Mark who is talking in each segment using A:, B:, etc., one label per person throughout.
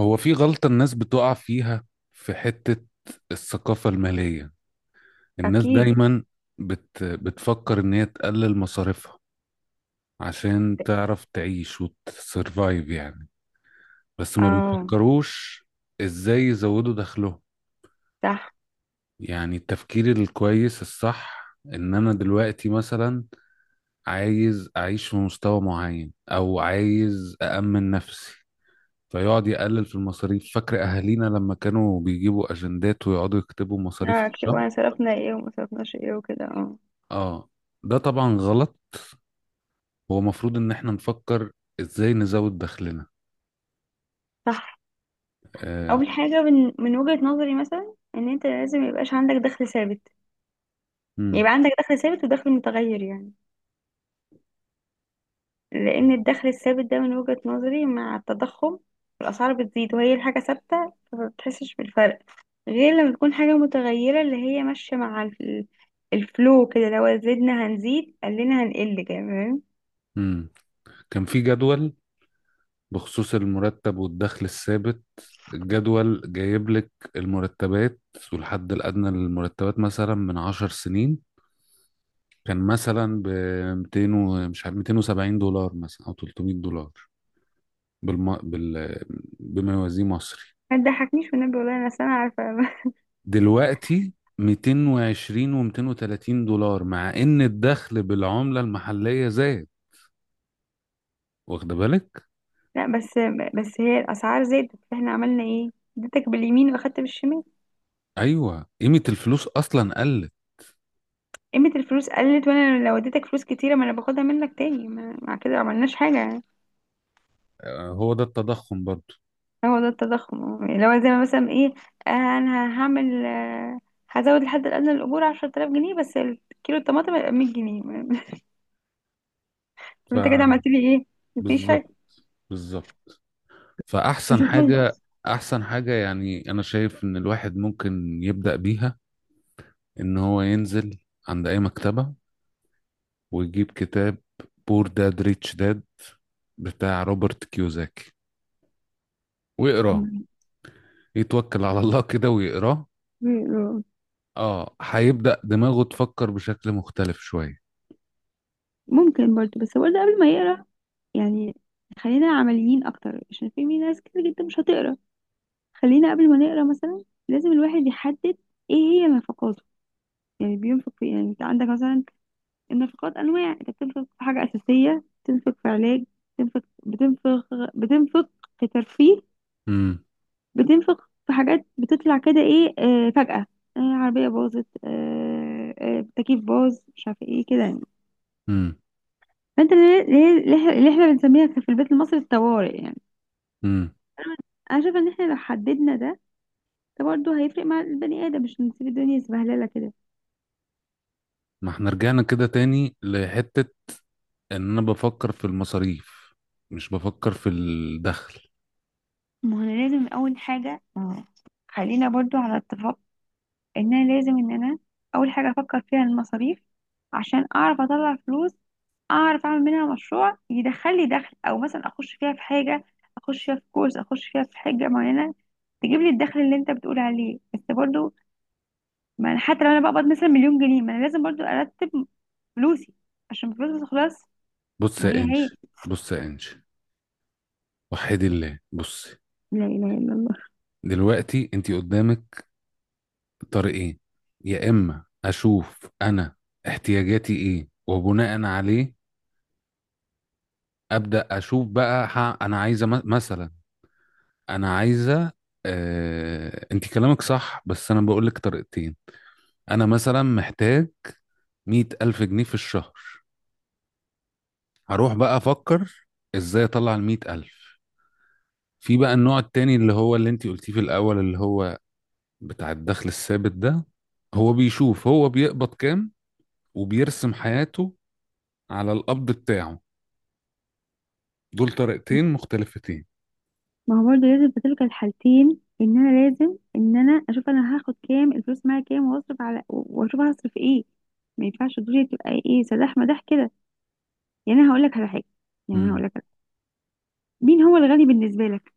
A: هو في غلطة الناس بتقع فيها في حتة الثقافة المالية. الناس
B: اكيد.
A: دايما بتفكر إن هي تقلل مصاريفها عشان تعرف تعيش وتسرفايف يعني، بس ما
B: اه.
A: بيفكروش إزاي يزودوا دخلهم.
B: صح.
A: يعني التفكير الكويس الصح إن أنا دلوقتي مثلا عايز أعيش في مستوى معين أو عايز أأمن نفسي، فيقعد يقلل في المصاريف. فاكر اهالينا لما كانوا بيجيبوا اجندات ويقعدوا يكتبوا مصاريف
B: اه، اكتب وانا
A: الشهر؟
B: صرفنا ايه وما صرفناش ايه وكده. اه.
A: اه، ده طبعا غلط. هو المفروض ان احنا نفكر ازاي نزود دخلنا.
B: صح.
A: آه.
B: اول حاجه من وجهه نظري مثلا ان انت لازم يبقاش عندك دخل ثابت،
A: مم.
B: يبقى عندك دخل ثابت ودخل متغير. يعني لان الدخل الثابت ده من وجهه نظري مع التضخم، الاسعار بتزيد وهي الحاجه ثابته فما بتحسش بالفرق، غير لما تكون حاجه متغيره اللي هي ماشيه مع الفلو كده، لو زدنا هنزيد قلنا هنقل كمان.
A: مم. كان في جدول بخصوص المرتب والدخل الثابت. الجدول جايب لك المرتبات والحد الأدنى للمرتبات مثلا من 10 سنين كان مثلا ب 200 و- مش عارف 270 دولار مثلا أو 300 دولار بالم... بال... بما يوازيه مصري.
B: ما تضحكنيش والنبي، والله انا سنه عارفه.
A: دلوقتي 220 و230 دولار مع ان الدخل بالعملة المحلية زاد، واخد بالك؟
B: لا، بس هي الاسعار زادت فاحنا عملنا ايه؟ اديتك باليمين واخدت بالشمال.
A: ايوه، قيمة الفلوس اصلا قلت.
B: قيمة الفلوس قلت، وانا لو اديتك فلوس كتيرة ما انا باخدها منك تاني. مع كده ما عملناش حاجة يعني.
A: آه، هو ده التضخم برضو.
B: هو ده التضخم اه. اللي هو لو زي ما مثلا ايه، انا هعمل، هزود الحد الادنى للاجور 10,000 جنيه بس الكيلو الطماطم هيبقى 100 جنيه.
A: ف
B: طب انت كده عملت لي ايه؟ مفيش حاجة.
A: بالظبط، بالظبط. فاحسن
B: مش هتقول؟
A: حاجة احسن حاجة يعني انا شايف ان الواحد ممكن يبدأ بيها ان هو ينزل عند اي مكتبة ويجيب كتاب بور داد ريتش داد بتاع روبرت كيوزاكي ويقراه، يتوكل على الله كده ويقراه. اه، هيبدأ دماغه تفكر بشكل مختلف شوية.
B: ممكن برضه، بس برضه قبل ما يقرا يعني خلينا عمليين اكتر عشان في ناس كتير جدا مش هتقرا. خلينا قبل ما نقرا مثلا لازم الواحد يحدد ايه هي نفقاته. يعني بينفق في، يعني انت عندك مثلا النفقات انواع، انت بتنفق في حاجه اساسيه، بتنفق في علاج، بتنفق بتنفق بتنفق في ترفيه،
A: امم.
B: بتنفق في حاجات بتطلع كده ايه فجأة. عربيه باظت، تكييف باظ، مش عارفه ايه كده يعني.
A: امم.
B: فانت اللي احنا بنسميها في البيت المصري الطوارئ يعني.
A: امم.
B: انا شايفه ان احنا لو حددنا ده، ده برضه هيفرق مع البني ادم، مش نسيب الدنيا سبهلله كده.
A: ما احنا رجعنا كده تاني لحتة ان انا بفكر في المصاريف مش بفكر في الدخل.
B: ما هو انا لازم اول حاجه، خلينا برضو على اتفاق ان انا لازم ان انا اول حاجه افكر فيها المصاريف عشان اعرف اطلع فلوس، اعرف اعمل منها مشروع يدخل لي دخل، او مثلا اخش فيها في حاجه، اخش فيها في كورس، اخش فيها في حاجه معينه تجيب لي الدخل اللي انت بتقول عليه. بس برضو ما انا حتى لو انا بقبض مثلا مليون جنيه ما انا لازم برضو ارتب فلوسي عشان الفلوس ما تخلص.
A: بص
B: ما
A: يا
B: هي هي.
A: انش، بص يا انش، وحدي الله بصي.
B: لا اله الا الله.
A: دلوقتي انتي قدامك طريقين. يا اما اشوف انا احتياجاتي ايه وبناء عليه ابدأ اشوف بقى، انا عايزة مثلا انا عايزه، انت كلامك صح بس انا بقول لك طريقتين. انا مثلا محتاج 100 ألف جنيه في الشهر، هروح بقى افكر ازاي اطلع ال100 ألف. في بقى النوع التاني اللي هو اللي انت قلتيه في الاول اللي هو بتاع الدخل الثابت ده، هو بيشوف هو بيقبض كام وبيرسم حياته على القبض بتاعه. دول طريقتين مختلفتين.
B: ما هو برضه لازم في تلك الحالتين ان انا لازم ان انا اشوف انا هاخد كام، الفلوس معايا كام، واصرف على واشوف هصرف ايه. ما ينفعش الدنيا تبقى ايه سداح مداح كده. يعني انا هقول لك على حاجه. يعني انا
A: مم.
B: هقول لك على حاجة. مين هو الغني بالنسبه لك؟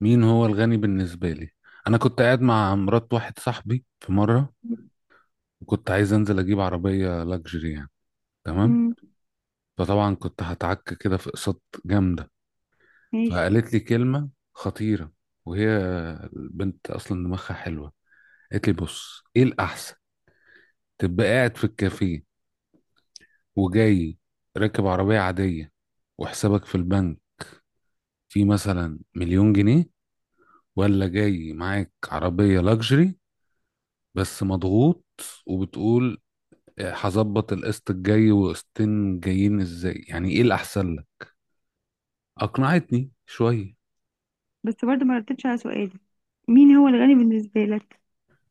A: مين هو الغني بالنسبة لي؟ أنا كنت قاعد مع مرات واحد صاحبي في مرة وكنت عايز انزل اجيب عربيه لاكجري يعني، تمام.
B: امم.
A: فطبعا كنت هتعك كده في اقساط جامده.
B: ماشي.
A: فقالت لي كلمه خطيره، وهي البنت اصلا دماغها حلوه، قالت لي بص، ايه الاحسن؟ تبقى قاعد في الكافيه وجاي راكب عربيه عاديه وحسابك في البنك فيه مثلا مليون جنيه، ولا جاي معاك عربيه لاكجري بس مضغوط وبتقول هظبط القسط الجاي وقسطين جايين ازاي؟ يعني ايه الاحسن لك؟ أقنعتني شوية.
B: بس برضه ما ردتش على سؤالي، مين هو الغني بالنسبه لك؟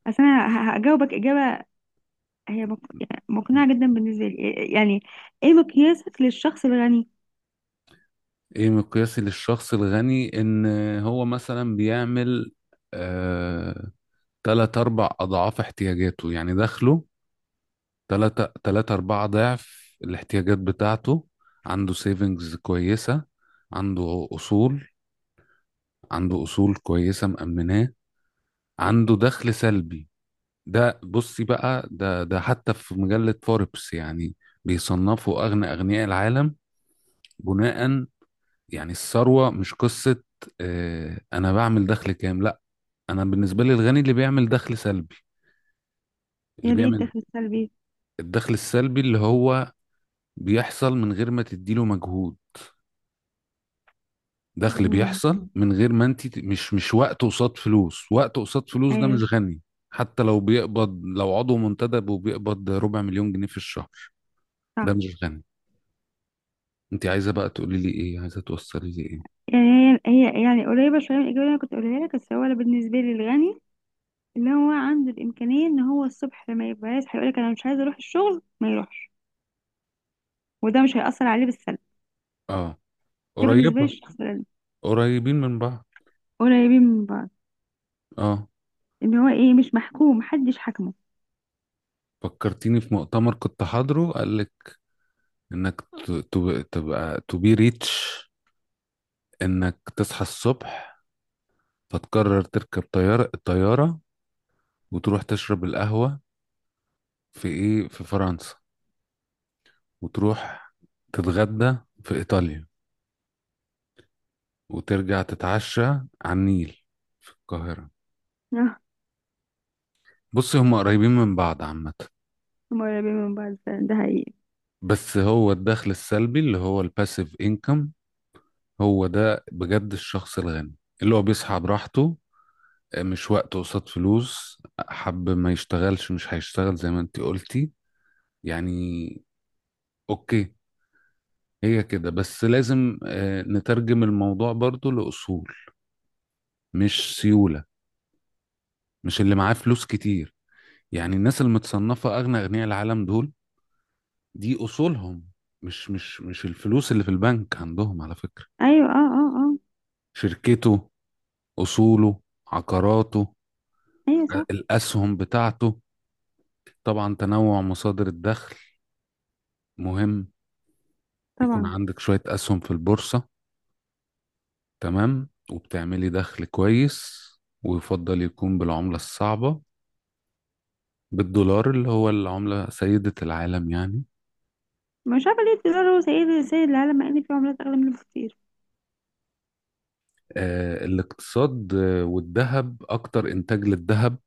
B: اصل انا هجاوبك اجابه هي يعني مقنعه جدا بالنسبه لي. يعني ايه مقياسك للشخص الغني؟
A: إيه مقياسي للشخص الغني؟ إن هو مثلا بيعمل آه تلات أربع أضعاف احتياجاته، يعني دخله تلاتة تلاتة أربعة ضعف الاحتياجات بتاعته، عنده سيفنجز كويسة، عنده أصول، عنده أصول كويسة مأمناه، عنده دخل سلبي. ده بصي بقى، ده ده حتى في مجلة فوربس يعني بيصنفوا أغنى أغنياء العالم بناء، يعني الثروة مش قصة آه، أنا بعمل دخل كام، لأ. أنا بالنسبة لي الغني اللي بيعمل دخل سلبي، اللي
B: يعني ايه
A: بيعمل.
B: الدخل السلبي؟
A: الدخل السلبي اللي هو بيحصل من غير ما تديله مجهود، دخل
B: امم.
A: بيحصل من غير ما أنت مش وقت قصاد فلوس، وقت قصاد فلوس ده
B: ايوه.
A: مش غني. حتى لو بيقبض لو عضو منتدب وبيقبض ربع مليون جنيه في الشهر ده
B: صح.
A: مش غني. أنت عايزة بقى تقولي لي إيه، عايزة توصلي لي إيه؟
B: يعني هي هي يعني قريبة شوية من الإجابة اللي أنا كنت أقولها لك، بس هو أنا بالنسبة لي الغني اللي هو عنده الإمكانية إن هو الصبح لما يبقى يصحى يقولك أنا مش عايز أروح الشغل ما يروحش، وده مش هيأثر عليه بالسلب.
A: آه،
B: ده بالنسبة لي
A: قريبة.
B: الشخص الغني.
A: قريبين من بعض.
B: قريبين من بعض.
A: آه،
B: إن هو إيه، مش محكوم، محدش حكمه.
A: فكرتيني في مؤتمر كنت حاضره، قال انك تبقى تو بي ريتش. انك تصحى الصبح فتقرر تركب طيارة، الطيارة وتروح تشرب القهوة في ايه، في فرنسا، وتروح تتغدى في ايطاليا، وترجع تتعشى على النيل في القاهرة.
B: آه.
A: بص، هم قريبين من بعض عامة.
B: هما قريبين من بعض فعلا، ده حقيقي.
A: بس هو الدخل السلبي اللي هو الباسيف انكم، هو ده بجد الشخص الغني، اللي هو بيصحى براحته، مش وقت قصاد فلوس، حب ما يشتغلش مش هيشتغل زي ما انت قلتي يعني. اوكي. هي كده، بس لازم آه، نترجم الموضوع برضو لأصول، مش سيولة، مش اللي معاه فلوس كتير. يعني الناس المتصنفة أغنى أغنياء العالم دول، دي أصولهم، مش الفلوس اللي في البنك عندهم على فكرة.
B: أيوة. أه. أه.
A: شركته، أصوله، عقاراته،
B: أه. أيوة. صح.
A: الأسهم بتاعته. طبعا تنوع مصادر الدخل مهم. يكون
B: طبعا.
A: عندك شوية أسهم في البورصة، تمام، وبتعملي دخل كويس، ويفضل يكون بالعملة الصعبة، بالدولار اللي هو العملة سيدة العالم يعني.
B: مش عارفة ليه الدولار هو سيد العالم مع إن في عملات أغلى منه بكتير.
A: آه، الاقتصاد آه، والذهب، أكتر إنتاج للذهب.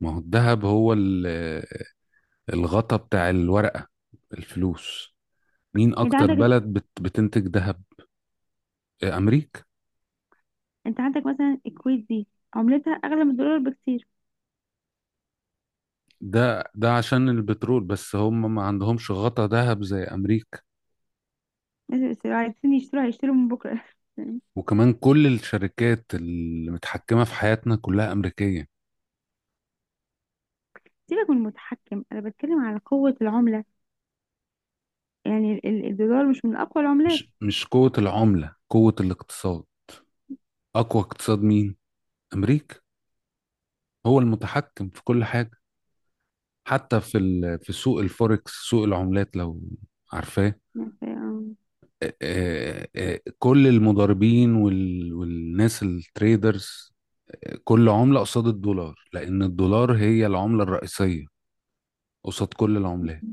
A: ما هو الذهب هو الغطا بتاع الورقة، الفلوس. مين
B: أنت
A: أكتر
B: عندك
A: بلد بتنتج ذهب؟ آه، أمريكا.
B: أنت عندك مثلا الكويت دي عملتها أغلى من الدولار بكتير.
A: ده ده عشان البترول، بس هم ما عندهمش غطا ذهب زي أمريكا.
B: الناس عايزين يشتروا هيشتروا من بكرة.
A: وكمان كل الشركات اللي متحكمة في حياتنا كلها أمريكية.
B: سيبك من المتحكم، أنا بتكلم على قوة العملة. يعني الدولار مش من أقوى العملات.
A: مش قوة العملة، قوة الاقتصاد. أقوى اقتصاد مين؟ أمريكا. هو المتحكم في كل حاجة. حتى في في سوق الفوركس، سوق العملات، لو عارفاه. آه، آه، آه، كل المضاربين والناس التريدرز، آه، كل عملة قصاد الدولار لأن الدولار هي العملة الرئيسية قصاد كل العملات.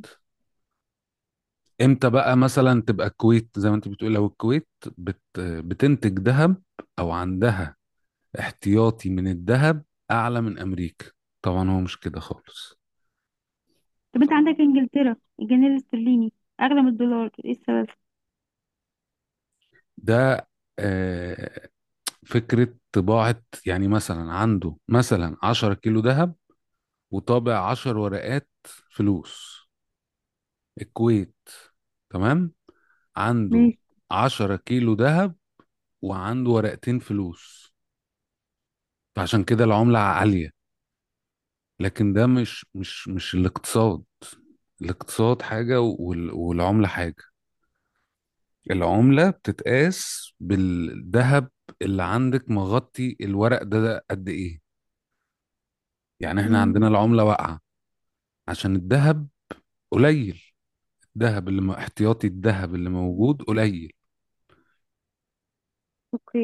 A: امتى بقى مثلا تبقى الكويت زي ما انت بتقول؟ لو الكويت بتنتج ذهب او عندها احتياطي من الذهب اعلى من امريكا، طبعا هو مش كده خالص.
B: طب أنت صح، عندك إنجلترا، الجنيه الاسترليني أغلى من الدولار، إيه السبب؟
A: ده آه، فكرة طباعة. يعني مثلا عنده مثلا 10 كيلو ذهب وطابع 10 ورقات فلوس. الكويت، تمام، عنده
B: ماشي.
A: 10 كيلو ذهب وعنده ورقتين فلوس، فعشان كده العملة عالية. لكن ده مش الاقتصاد. الاقتصاد حاجة والعملة حاجة. العملة بتتقاس بالذهب اللي عندك مغطي الورق ده، ده قد ايه. يعني احنا عندنا
B: مم.
A: العملة واقعة عشان الذهب قليل. الذهب اللي احتياطي الذهب اللي موجود قليل.
B: اوكي.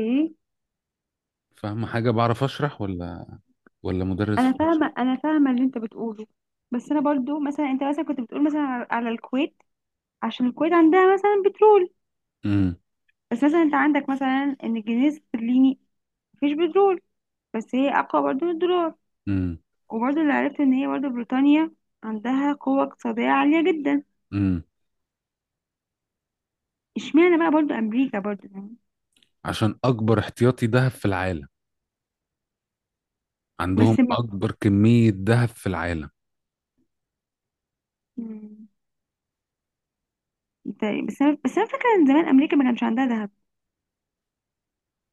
A: فاهم حاجة؟ بعرف اشرح ولا ولا مدرس
B: انا
A: في مصر؟
B: فاهمه، انا فاهمه اللي انت بتقوله. بس انا برضو مثلا، انت مثلا كنت بتقول مثلا على الكويت عشان الكويت عندها مثلا بترول.
A: امم.
B: بس مثلا انت عندك مثلا ان الجنيه الاسترليني مفيش بترول بس هي اقوى برضو من الدولار.
A: امم.
B: وبرضه اللي عرفت ان هي برضه بريطانيا عندها قوة اقتصادية عالية جدا.
A: امم.
B: اشمعنى بقى برضه امريكا برضه يعني؟
A: عشان اكبر احتياطي ذهب في العالم، عندهم
B: بس ما...
A: اكبر كمية ذهب في العالم.
B: مم. طيب، بس انا فاكرة ان زمان امريكا ما كانش عندها ذهب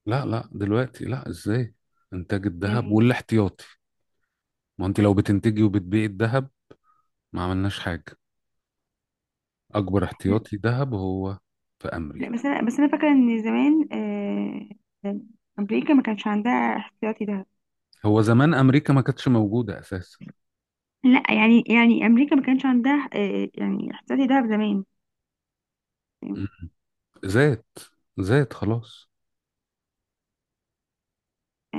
A: لا لا، دلوقتي لا، ازاي. انتاج الذهب
B: يعني.
A: والاحتياطي، ما انت لو بتنتجي وبتبيعي الذهب ما عملناش حاجة. اكبر احتياطي ذهب هو في
B: لا،
A: امريكا.
B: بس انا فاكرة ان زمان، آه... امريكا ما كانش عندها احتياطي ذهب.
A: هو زمان امريكا ما كانتش موجودة اساسا.
B: لا يعني، امريكا ما كانش عندها يعني احتياطي ذهب زمان
A: م- م. زاد. زاد خلاص.